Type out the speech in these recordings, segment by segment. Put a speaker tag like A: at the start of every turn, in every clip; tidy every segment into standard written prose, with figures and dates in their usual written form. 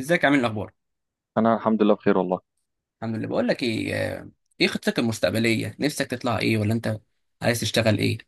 A: ازيك عامل إيه؟ الاخبار
B: انا الحمد لله بخير والله.
A: الحمد لله بقول لك ايه ايه خطتك المستقبليه؟ نفسك تطلع ايه ولا انت عايز تشتغل ايه؟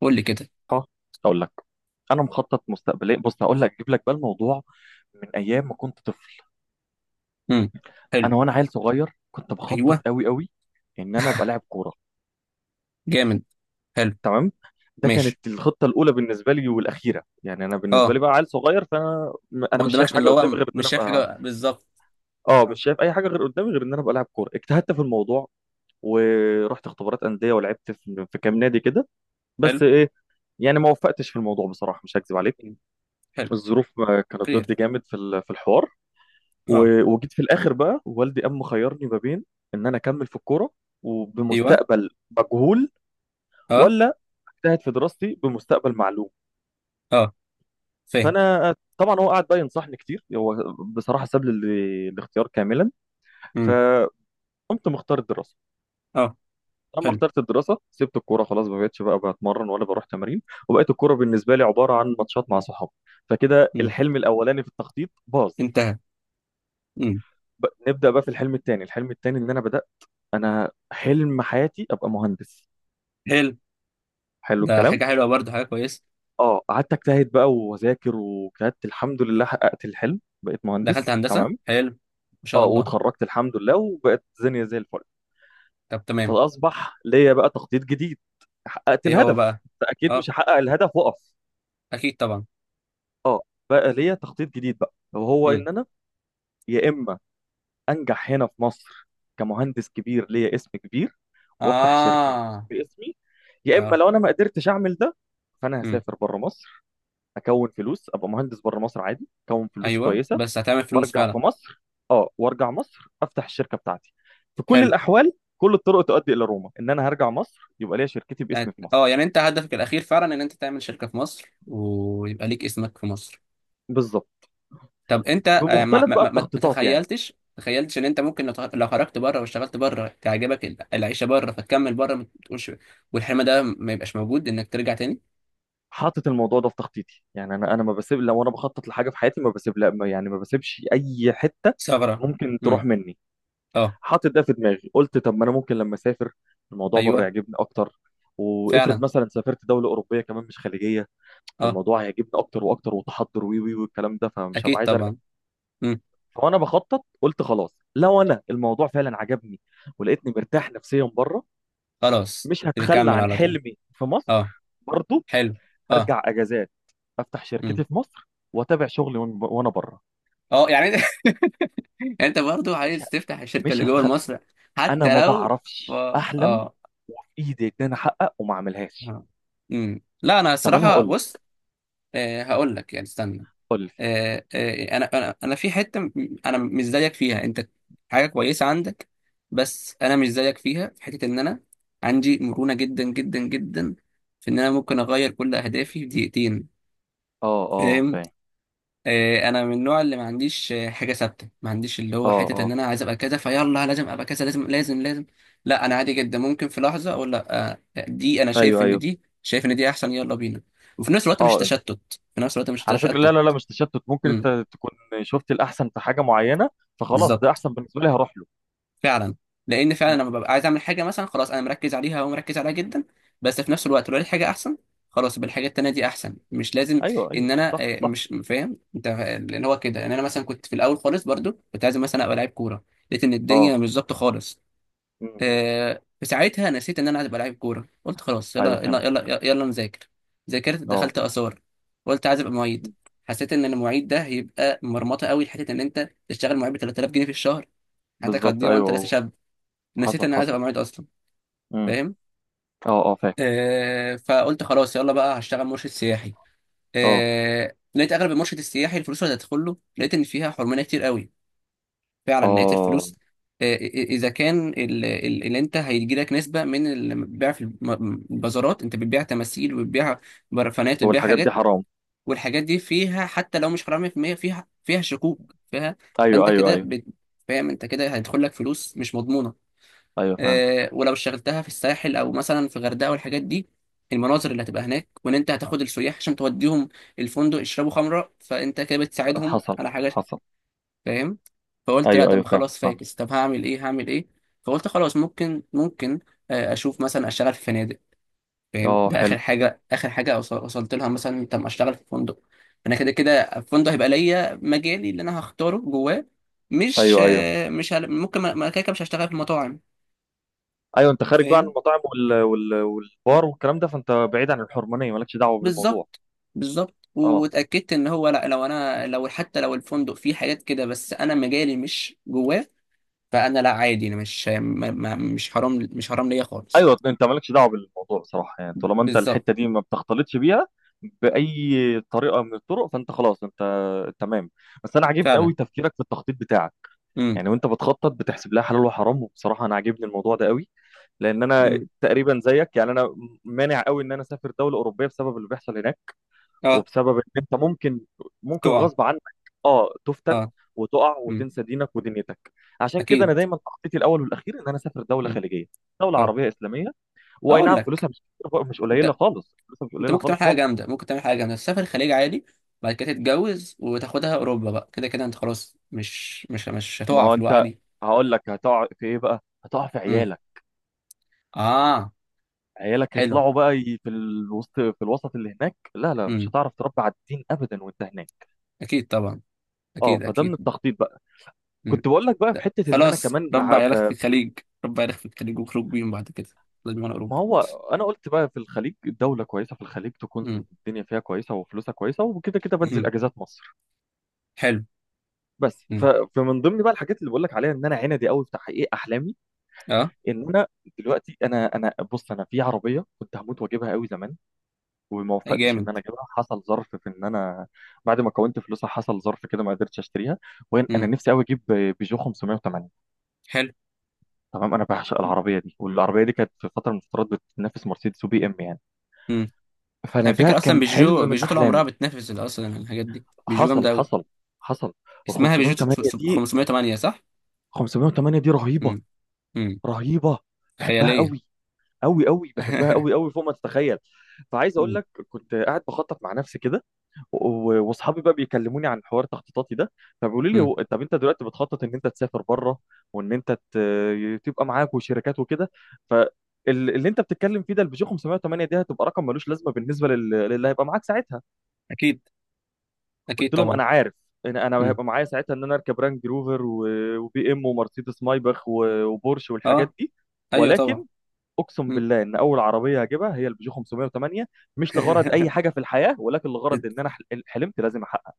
A: قول لي كده.
B: ها، اقول لك. انا مخطط مستقبليا، بص هقول لك اجيب لك بقى الموضوع من ايام ما كنت طفل.
A: امم حلو.
B: انا وانا عيل صغير كنت بخطط
A: ايوه،
B: قوي قوي ان انا ابقى لاعب كوره.
A: جامد، حلو،
B: تمام. ده كانت
A: ماشي،
B: الخطه الاولى بالنسبه لي والاخيره، يعني انا بالنسبه
A: اه.
B: لي بقى عيل صغير فانا
A: ما
B: انا مش شايف
A: قدامكش،
B: حاجه
A: اللي
B: قدامي
A: هو
B: غير ان
A: مش
B: انا
A: شايف
B: ابقى.
A: حاجه بالظبط.
B: اه،
A: آه.
B: مش شايف اي حاجه غير قدامي غير ان انا ابقى لاعب كوره. اجتهدت في الموضوع ورحت اختبارات انديه ولعبت في كام نادي كده.
A: حلو،
B: بس ايه، يعني ما وفقتش في الموضوع بصراحه، مش هكذب عليك،
A: حلو،
B: الظروف ما كانت
A: كلير،
B: ضدي جامد في الحوار.
A: اه،
B: و- وجيت في الاخر بقى والدي قام مخيرني ما بين ان انا اكمل في الكوره
A: ايوه،
B: وبمستقبل مجهول،
A: اه،
B: ولا اجتهد في دراستي بمستقبل معلوم.
A: اه، فاهم،
B: فانا طبعا هو قعد بقى ينصحني كتير، هو بصراحه ساب لي الاختيار كاملا.
A: امم
B: فقمت مختار الدراسه.
A: اه،
B: لما
A: حلو.
B: اخترت الدراسه سبت الكوره خلاص، ما بقتش بقى بتمرن ولا بروح تمارين. وبقيت الكوره بالنسبه لي عباره عن ماتشات مع صحابي. فكده
A: امم
B: الحلم الاولاني في التخطيط باظ.
A: انتهى. امم
B: نبدا بقى في الحلم الثاني. الحلم الثاني ان انا بدات. انا حلم حياتي ابقى مهندس.
A: حلو.
B: حلو
A: ده
B: الكلام.
A: حاجه حلوه برضه، حاجه كويسه.
B: اه، قعدت اجتهد بقى واذاكر، وكانت الحمد لله حققت الحلم بقيت
A: دخلت
B: مهندس.
A: هندسه،
B: تمام.
A: حلو، ما شاء
B: اه،
A: الله.
B: واتخرجت الحمد لله وبقت الدنيا زي الفل.
A: طب تمام،
B: فاصبح ليا بقى تخطيط جديد. حققت
A: ايه هو
B: الهدف،
A: بقى؟
B: أنت اكيد
A: اه،
B: مش هحقق الهدف واقف.
A: اكيد طبعا.
B: اه. بقى ليا تخطيط جديد بقى، وهو
A: مم.
B: ان انا يا اما انجح هنا في مصر كمهندس كبير ليا اسم كبير وافتح شركه
A: اه،
B: باسمي، يا اما
A: اه،
B: لو انا ما قدرتش اعمل ده فانا
A: امم
B: هسافر بره مصر، اكون فلوس، ابقى مهندس بره مصر عادي، اكون فلوس
A: ايوه
B: كويسه،
A: بس هتعمل فلوس
B: وارجع في
A: فعلا.
B: مصر. اه، وارجع مصر افتح الشركه بتاعتي. في كل
A: حلو.
B: الاحوال كل الطرق تؤدي الى روما، ان انا هرجع مصر يبقى ليا شركتي
A: يعني-
B: باسمي في
A: اه،
B: مصر.
A: يعني انت هدفك الاخير فعلا ان انت تعمل شركه في مصر ويبقى ليك اسمك في مصر؟
B: بالظبط.
A: طب انت، ما
B: بمختلف
A: ما
B: بقى
A: ما ما
B: التخطيطات يعني.
A: تخيلتش؟ تخيلتش ان انت ممكن لو خرجت بره واشتغلت بره تعجبك العيشه بره فتكمل بره ما تقولش؟ والحلم ده ما يبقاش موجود انك ترجع تاني؟
B: حاطط الموضوع ده في تخطيطي، يعني انا ما بسيب. لو انا بخطط لحاجه في حياتي ما بسيب، لا يعني ما بسيبش اي حته
A: ثغره.
B: ممكن
A: امم
B: تروح مني.
A: اه،
B: حاطط ده في دماغي، قلت طب ما انا ممكن لما اسافر الموضوع بره
A: ايوه،
B: يعجبني اكتر. وافرض
A: فعلا،
B: مثلا سافرت دوله اوروبيه كمان مش خليجيه،
A: اه،
B: فالموضوع هيعجبني اكتر واكتر وتحضر وي وي والكلام ده، فمش هبقى
A: اكيد
B: عايز ارجع.
A: طبعا. امم
B: فانا بخطط، قلت خلاص لو انا الموضوع فعلا عجبني ولقيتني مرتاح نفسيا بره،
A: خلاص
B: مش هتخلى
A: بكمل
B: عن
A: على طول.
B: حلمي في
A: اه،
B: مصر برضو.
A: حلو، اه،
B: هرجع اجازات، افتح
A: امم
B: شركتي في مصر واتابع شغلي وانا بره.
A: اه يعني يعني انت برضو
B: مش ه-
A: عايز تفتح الشركه
B: مش
A: اللي جوه
B: هتخلى.
A: مصر؟
B: انا ما
A: حتى لو،
B: بعرفش احلم
A: اه.
B: وفي ايدي ان انا احقق وما اعملهاش.
A: اه. لا، انا
B: طب انا
A: الصراحه
B: هقول
A: بص.
B: لك.
A: آه، هقول لك، يعني استنى.
B: قول لي.
A: آه انا في حته م-، انا مش زيك فيها انت. حاجه كويسه عندك، بس انا مش زيك فيها في حته ان انا عندي مرونه جدا جدا جدا، في ان انا ممكن اغير كل اهدافي في دقيقتين.
B: اه، اه،
A: فاهم؟
B: فاهم.
A: انا من النوع اللي ما عنديش حاجه ثابته. ما عنديش اللي هو
B: اه،
A: حته ان
B: اه،
A: انا عايز ابقى كذا فيلا، لازم ابقى كذا، لازم لازم لازم. لا، انا عادي جدا، ممكن في لحظه اقول لا، دي انا شايف
B: ايوه،
A: ان
B: ايوه،
A: دي، شايف ان دي احسن، يلا بينا. وفي نفس الوقت مش
B: اه،
A: تشتت، في نفس الوقت مش
B: على فكرة لا،
A: تشتت.
B: لا، لا، مش تشتت، ممكن
A: امم
B: انت تكون شفت الأحسن في حاجة معينة، فخلاص ده
A: بالظبط،
B: أحسن بالنسبة لي هروح له.
A: فعلا. لان فعلا
B: م.
A: لما ببقى عايز اعمل حاجه مثلا، خلاص انا مركز عليها ومركز عليها جدا. بس في نفس الوقت لو لقيت حاجه احسن، خلاص يبقى الحاجه التانيه دي احسن، مش لازم
B: أيوه،
A: ان
B: أيوه،
A: انا،
B: صح، صح.
A: مش فاهم انت اللي هو كده؟ ان انا مثلا كنت في الاول خالص برضو كنت عايز مثلا ابقى لعيب كوره، لقيت ان
B: أه.
A: الدنيا مش ظابطه خالص.
B: م.
A: في ساعتها نسيت ان انا عايز ابقى لعيب كوره. قلت خلاص،
B: أيوه،
A: يلا يلا
B: فهمت.
A: يلا يلا نذاكر. ذاكرت،
B: أه.
A: دخلت اثار، قلت عايز ابقى معيد.
B: م.
A: حسيت ان المعيد ده هيبقى مرمطه قوي، لحته ان انت تشتغل معيد ب 3000 جنيه في الشهر، حياتك
B: بالظبط.
A: هتضيع وانت لسه
B: أيوه.
A: شاب. نسيت
B: حصل،
A: ان عايز
B: حصل.
A: ابقى معيد اصلا.
B: م.
A: فاهم؟
B: أه، أه، فاهم.
A: آه، فقلت خلاص، يلا بقى هشتغل مرشد سياحي.
B: أه،
A: آه، لقيت اغلب المرشد السياحي الفلوس اللي هتدخل له، لقيت ان فيها حرمانيه كتير قوي. فعلا لقيت
B: أه،
A: الفلوس، آه، اذا كان اللي انت هيجي لك نسبه من البيع في البازارات، انت بتبيع تماثيل وبتبيع برفانات وبتبيع
B: والحاجات دي
A: حاجات،
B: حرام.
A: والحاجات دي فيها حتى لو مش حرام 100%، فيها شكوك فيها.
B: أيوه،
A: فانت
B: أيوه،
A: كده
B: أيوه،
A: فاهم، انت كده هيدخل لك فلوس مش مضمونه.
B: أيوه، فهمت،
A: ولو اشتغلتها في الساحل او مثلا في غردقه والحاجات دي، المناظر اللي هتبقى هناك، وان انت هتاخد السياح عشان توديهم الفندق يشربوا خمره، فانت كده بتساعدهم
B: حصل،
A: على حاجه.
B: حصل.
A: فاهم؟ فقلت لا،
B: أيوه، أيوه،
A: طب
B: فاهم،
A: خلاص
B: فاهم.
A: فاكس، طب هعمل ايه؟ هعمل ايه؟ فقلت خلاص ممكن، ممكن اشوف مثلا اشتغل في فنادق. فاهم؟
B: أه،
A: ده
B: حلو.
A: اخر حاجه، اخر حاجه وص- وصلت لها مثلا. طب اشتغل في فندق، انا كده كده الفندق هيبقى ليا مجالي اللي انا هختاره جواه. مش
B: أيوه، أيوه،
A: مش ممكن كده كده مش هشتغل في المطاعم.
B: أيوه، أنت خارج بقى عن
A: فاهم؟
B: المطاعم والبار والكلام ده، فأنت بعيد عن الحرمانية، مالكش دعوة بالموضوع.
A: بالظبط، بالظبط.
B: أه،
A: واتاكدت ان هو لا، لو انا لو حتى لو الفندق فيه حاجات كده، بس انا مجالي مش جواه. فانا لا، عادي، انا مش ما ما مش حرام، مش حرام ليا خالص.
B: ايوه، انت مالكش دعوه بالموضوع بصراحه، يعني طالما انت
A: بالظبط،
B: الحته دي ما بتختلطش بيها باي طريقه من الطرق فانت خلاص انت تمام. بس انا عاجبني قوي
A: فعلا.
B: تفكيرك في التخطيط بتاعك.
A: امم
B: يعني وانت بتخطط بتحسب لها حلال وحرام، وبصراحه انا عاجبني الموضوع ده قوي. لان انا
A: امم
B: تقريبا زيك. يعني انا مانع قوي ان انا اسافر دوله اوروبيه بسبب اللي بيحصل هناك،
A: اه،
B: وبسبب ان انت ممكن
A: تقع،
B: غصب عنك، اه، تفتن
A: اه،
B: وتقع
A: امم
B: وتنسى دينك ودنيتك. عشان كده انا
A: اكيد،
B: دايما تخطيطي الاول والاخير ان انا اسافر دوله
A: امم
B: خليجيه، دوله
A: اه.
B: عربيه اسلاميه، واي
A: اقول
B: نعم
A: لك،
B: فلوسها مش مش قليله
A: انت،
B: خالص. فلوسها مش
A: انت
B: قليله
A: ممكن تعمل
B: خالص
A: حاجه
B: خالص.
A: جامده، ممكن تعمل حاجه جامده، تسافر الخليج عادي، بعد كده تتجوز وتاخدها اوروبا. بقى كده كده انت خلاص مش مش مش
B: ما
A: هتقع
B: هو
A: في الوقعه
B: انت
A: دي.
B: هقول لك. هتقع في ايه بقى؟ هتقع في
A: امم
B: عيالك.
A: اه،
B: عيالك
A: حلو،
B: هيطلعوا بقى في الوسط. في الوسط اللي هناك لا، لا، مش
A: امم
B: هتعرف تربي على الدين ابدا وانت هناك.
A: اكيد طبعا،
B: اه،
A: اكيد
B: فده من
A: اكيد.
B: التخطيط بقى.
A: مم.
B: كنت بقول لك بقى في
A: لا.
B: حته ان انا
A: خلاص
B: كمان
A: ربع عيالك في الخليج، ربع عيالك في الخليج وخرج بيهم بعد كده، لازم انا
B: ما
A: اوروبا.
B: هو انا قلت بقى في الخليج دوله كويسه. في الخليج تكون
A: مم.
B: الدنيا فيها كويسه وفلوسها كويسه وكده كده بنزل
A: مم.
B: اجازات مصر.
A: حلو.
B: بس
A: مم.
B: فمن ضمن بقى الحاجات اللي بقول لك عليها ان انا عندي قوي في تحقيق احلامي.
A: اه،
B: ان انا دلوقتي انا بص انا في عربيه كنت هموت واجيبها قوي زمان. وما
A: أي
B: وفقتش ان
A: جامد.
B: انا اجيبها، حصل ظرف في ان انا بعد ما كونت فلوسها حصل ظرف كده ما قدرتش اشتريها. وين انا
A: مم.
B: نفسي قوي اجيب بيجو 580.
A: حلو.
B: تمام. انا بعشق العربيه دي والعربيه دي كانت في فتره من الفترات بتنافس مرسيدس وبي ام يعني.
A: مم.
B: فانا
A: على
B: ده
A: فكره اصلا
B: كان حلم
A: بيجو،
B: من
A: بيجو طول عمرها
B: احلامي.
A: بتنافس اصلا الحاجات دي، بيجو جامده
B: حصل،
A: قوي.
B: حصل، حصل. وال
A: اسمها بيجو
B: 508 دي،
A: 508 صح؟
B: 508 دي رهيبه،
A: مم. مم.
B: رهيبه، بحبها
A: خياليه.
B: قوي قوي قوي، بحبها قوي قوي فوق ما تتخيل. فعايز اقول
A: مم.
B: لك كنت قاعد بخطط مع نفسي كده و- واصحابي بقى بيكلموني عن حوار تخطيطاتي ده. فبيقولوا لي
A: مم.
B: هو طب انت دلوقتي بتخطط ان انت تسافر بره وان انت تبقى معاك وشركات وكده. فاللي انت بتتكلم فيه ده البيجو 508 دي هتبقى رقم ملوش لازمه بالنسبه للي هيبقى معاك ساعتها.
A: اكيد، اكيد
B: قلت لهم
A: طبعا.
B: انا عارف. انا
A: مم.
B: هيبقى معايا ساعتها ان انا اركب رانج روفر و- وبي ام ومرسيدس مايباخ و- وبورش
A: اه،
B: والحاجات دي.
A: ايوه طبعا.
B: ولكن اقسم
A: مم.
B: بالله ان اول عربيه هجيبها هي البيجو 508. مش لغرض اي حاجه في الحياه، ولكن لغرض ان انا حلمت لازم احقق.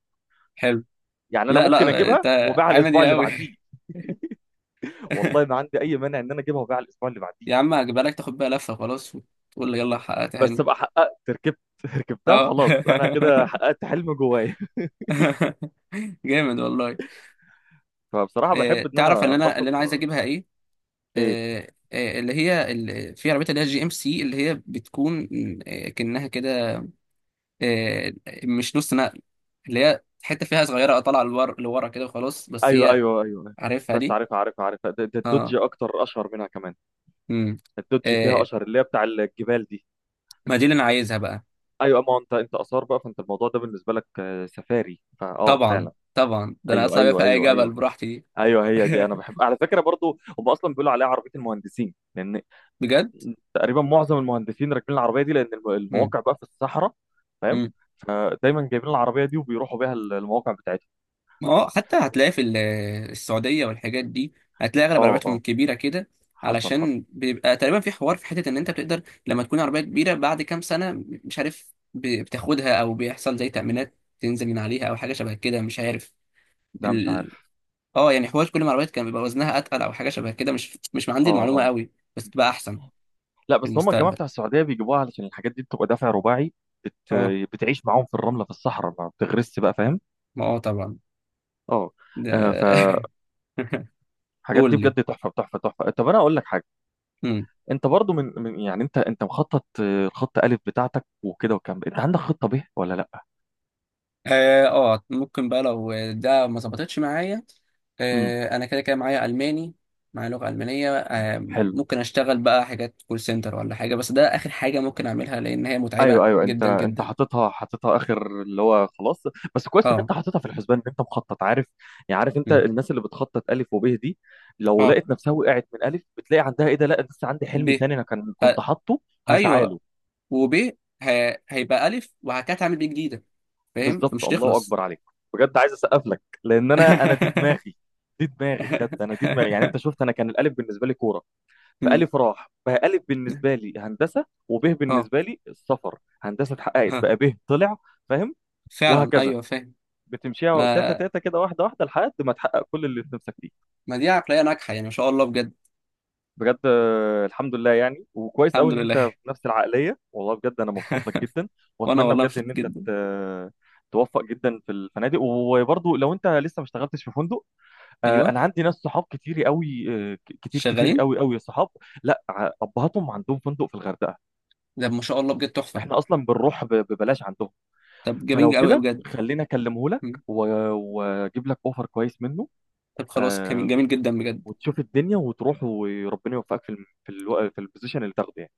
A: حلو.
B: يعني انا
A: لا
B: ممكن
A: لا، انت
B: اجيبها وابيعها
A: عامل
B: الاسبوع
A: ايه
B: اللي
A: قوي!
B: بعديه. والله ما عندي اي مانع ان انا اجيبها وابيعها الاسبوع اللي بعديه.
A: يا عم هجيبها لك تاخد بيها لفة خلاص وتقول لي يلا حققت
B: بس
A: حلمي.
B: ابقى حققت، ركبتها
A: اه.
B: خلاص، انا كده حققت حلم جوايا.
A: جامد والله.
B: فبصراحه بحب
A: إيه
B: ان
A: تعرف
B: انا
A: اللي انا، اللي
B: اخطط
A: انا عايز اجيبها ايه؟
B: ايه.
A: إيه، إيه، اللي هي، اللي في عربية، اللي هي جي ام سي، اللي هي بتكون إيه، كأنها كده، إيه، مش نص نقل، اللي هي حتة فيها صغيرة طالعة لورا كده، وخلاص بس
B: ايوه،
A: هي.
B: ايوه، ايوه،
A: عارفها
B: بس
A: دي؟
B: عارفها، عارفها، عارفها. ده
A: اه،
B: الدوج اكتر اشهر منها كمان.
A: امم
B: الدوج فيها
A: إيه،
B: اشهر، اللي هي بتاع الجبال دي.
A: ما دي اللي انا عايزها بقى.
B: ايوه، اما انت اثار بقى، فانت الموضوع ده بالنسبه لك سفاري فاه
A: طبعا
B: فعلا.
A: طبعا، ده انا
B: ايوه،
A: اطلع بيها في
B: ايوه،
A: اي
B: ايوه،
A: جبل
B: ايوه،
A: براحتي دي.
B: ايوه، هي دي. انا بحب على فكره برضو هم اصلا بيقولوا عليها عربيه المهندسين، لان
A: بجد.
B: تقريبا معظم المهندسين راكبين العربيه دي، لان المواقع بقى في الصحراء فاهم.
A: مم.
B: فدايما جايبين العربيه دي وبيروحوا بيها المواقع بتاعتهم.
A: ما هو حتى هتلاقي في السعودية والحاجات دي، هتلاقي أغلب
B: اه،
A: عربياتهم
B: اه،
A: الكبيرة كده،
B: حصل، حصل،
A: علشان بيبقى تقريبا في حوار في حتة إن أنت بتقدر لما تكون عربية كبيرة بعد كام سنة، مش عارف بتاخدها أو بيحصل زي تأمينات تنزل من عليها أو حاجة شبه كده، مش عارف
B: لا مش
A: ال...
B: عارف.
A: اه، يعني حوار كل ما العربيات كان بيبقى وزنها أتقل، أو حاجة شبه كده، مش عندي
B: اه،
A: المعلومة
B: اه،
A: قوي، بس تبقى أحسن
B: لا
A: في
B: بس هم الجماعه
A: المستقبل.
B: بتاع السعوديه بيجيبوها علشان الحاجات دي بتبقى دافع رباعي. بت...
A: اه.
B: بتعيش معاهم في الرمله في الصحراء، ما بتغرسش بقى فاهم.
A: ما اه طبعا،
B: اه
A: ده
B: فالحاجات دي
A: قول لي.
B: بجد تحفه، تحفه، تحفه. طب انا اقول لك حاجه.
A: مم.
B: انت برضو يعني انت مخطط الخط الف بتاعتك وكده والكلام ده. انت عندك خطه ب ولا لا؟
A: اه، ممكن بقى لو ده ما ظبطتش معايا،
B: امم
A: انا كده كده معايا الماني، معايا لغه المانيه.
B: حلو.
A: ممكن اشتغل بقى حاجات كول سنتر ولا حاجه، بس ده اخر حاجه ممكن اعملها، لان هي متعبه
B: ايوه، ايوه، انت
A: جدا
B: انت
A: جدا.
B: حاططها، حاططها اخر اللي هو خلاص. بس كويس ان
A: اه.
B: انت حاططها في الحسبان، ان انت مخطط عارف. يعني عارف انت
A: مم.
B: الناس اللي بتخطط الف وب دي لو
A: اه،
B: لقيت نفسها وقعت من الف، بتلاقي عندها ايه؟ ده لا لسه عندي حلم
A: ب،
B: تاني انا كان
A: ف...
B: كنت حاطه هسعى
A: ايوه
B: له.
A: وب، هيبقى الف وهكذا، هعمل ب جديده. فاهم؟
B: بالظبط.
A: فمش
B: الله
A: تخلص.
B: اكبر عليك. بجد عايز اسقف لك، لان انا دي دماغي، دي دماغي، بجد انا دي دماغي. يعني انت شفت انا كان الالف بالنسبه لي كوره.
A: مم.
B: فألف راح بقى، ألف بالنسبة لي هندسة وب
A: اه.
B: بالنسبة لي السفر. هندسة اتحققت
A: ها.
B: بقى، ب طلع فاهم.
A: فعلا،
B: وهكذا
A: ايوه فاهم.
B: بتمشيها تاتا
A: ما
B: تاتا كده، واحدة واحدة، لحد ما تحقق كل اللي نفسك فيه.
A: ما دي عقليه ناجحه، يعني ما شاء الله بجد.
B: بجد الحمد لله، يعني وكويس
A: الحمد
B: قوي ان انت
A: لله.
B: في نفس العقلية والله، بجد انا مبسوط لك جدا.
A: وانا
B: واتمنى
A: والله
B: بجد
A: مبسوط
B: ان انت
A: جدا.
B: توفق جدا في الفنادق. وبرضه لو انت لسه ما اشتغلتش في فندق،
A: ايوه،
B: انا عندي ناس صحاب كتير قوي، كتير كتير
A: شغالين.
B: قوي قوي صحاب. لا ابهاتهم عندهم فندق في الغردقة.
A: ده ما شاء الله بجد تحفه.
B: احنا اصلا بنروح ببلاش عندهم.
A: طب
B: فلو
A: جميل قوي
B: كده
A: بجد.
B: خليني اكلمه لك
A: مم.
B: و- واجيب لك اوفر كويس منه.
A: طب خلاص، جميل
B: آه،
A: جميل جدا بجد.
B: وتشوف الدنيا وتروح وربنا يوفقك في الم- في الو... في البوزيشن اللي تاخده يعني.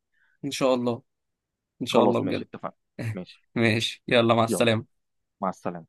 A: ان شاء الله، ان شاء الله
B: خلاص ماشي،
A: بجد.
B: اتفقنا. ماشي.
A: ماشي، يلا مع
B: يلا
A: السلامة.
B: مع السلامة.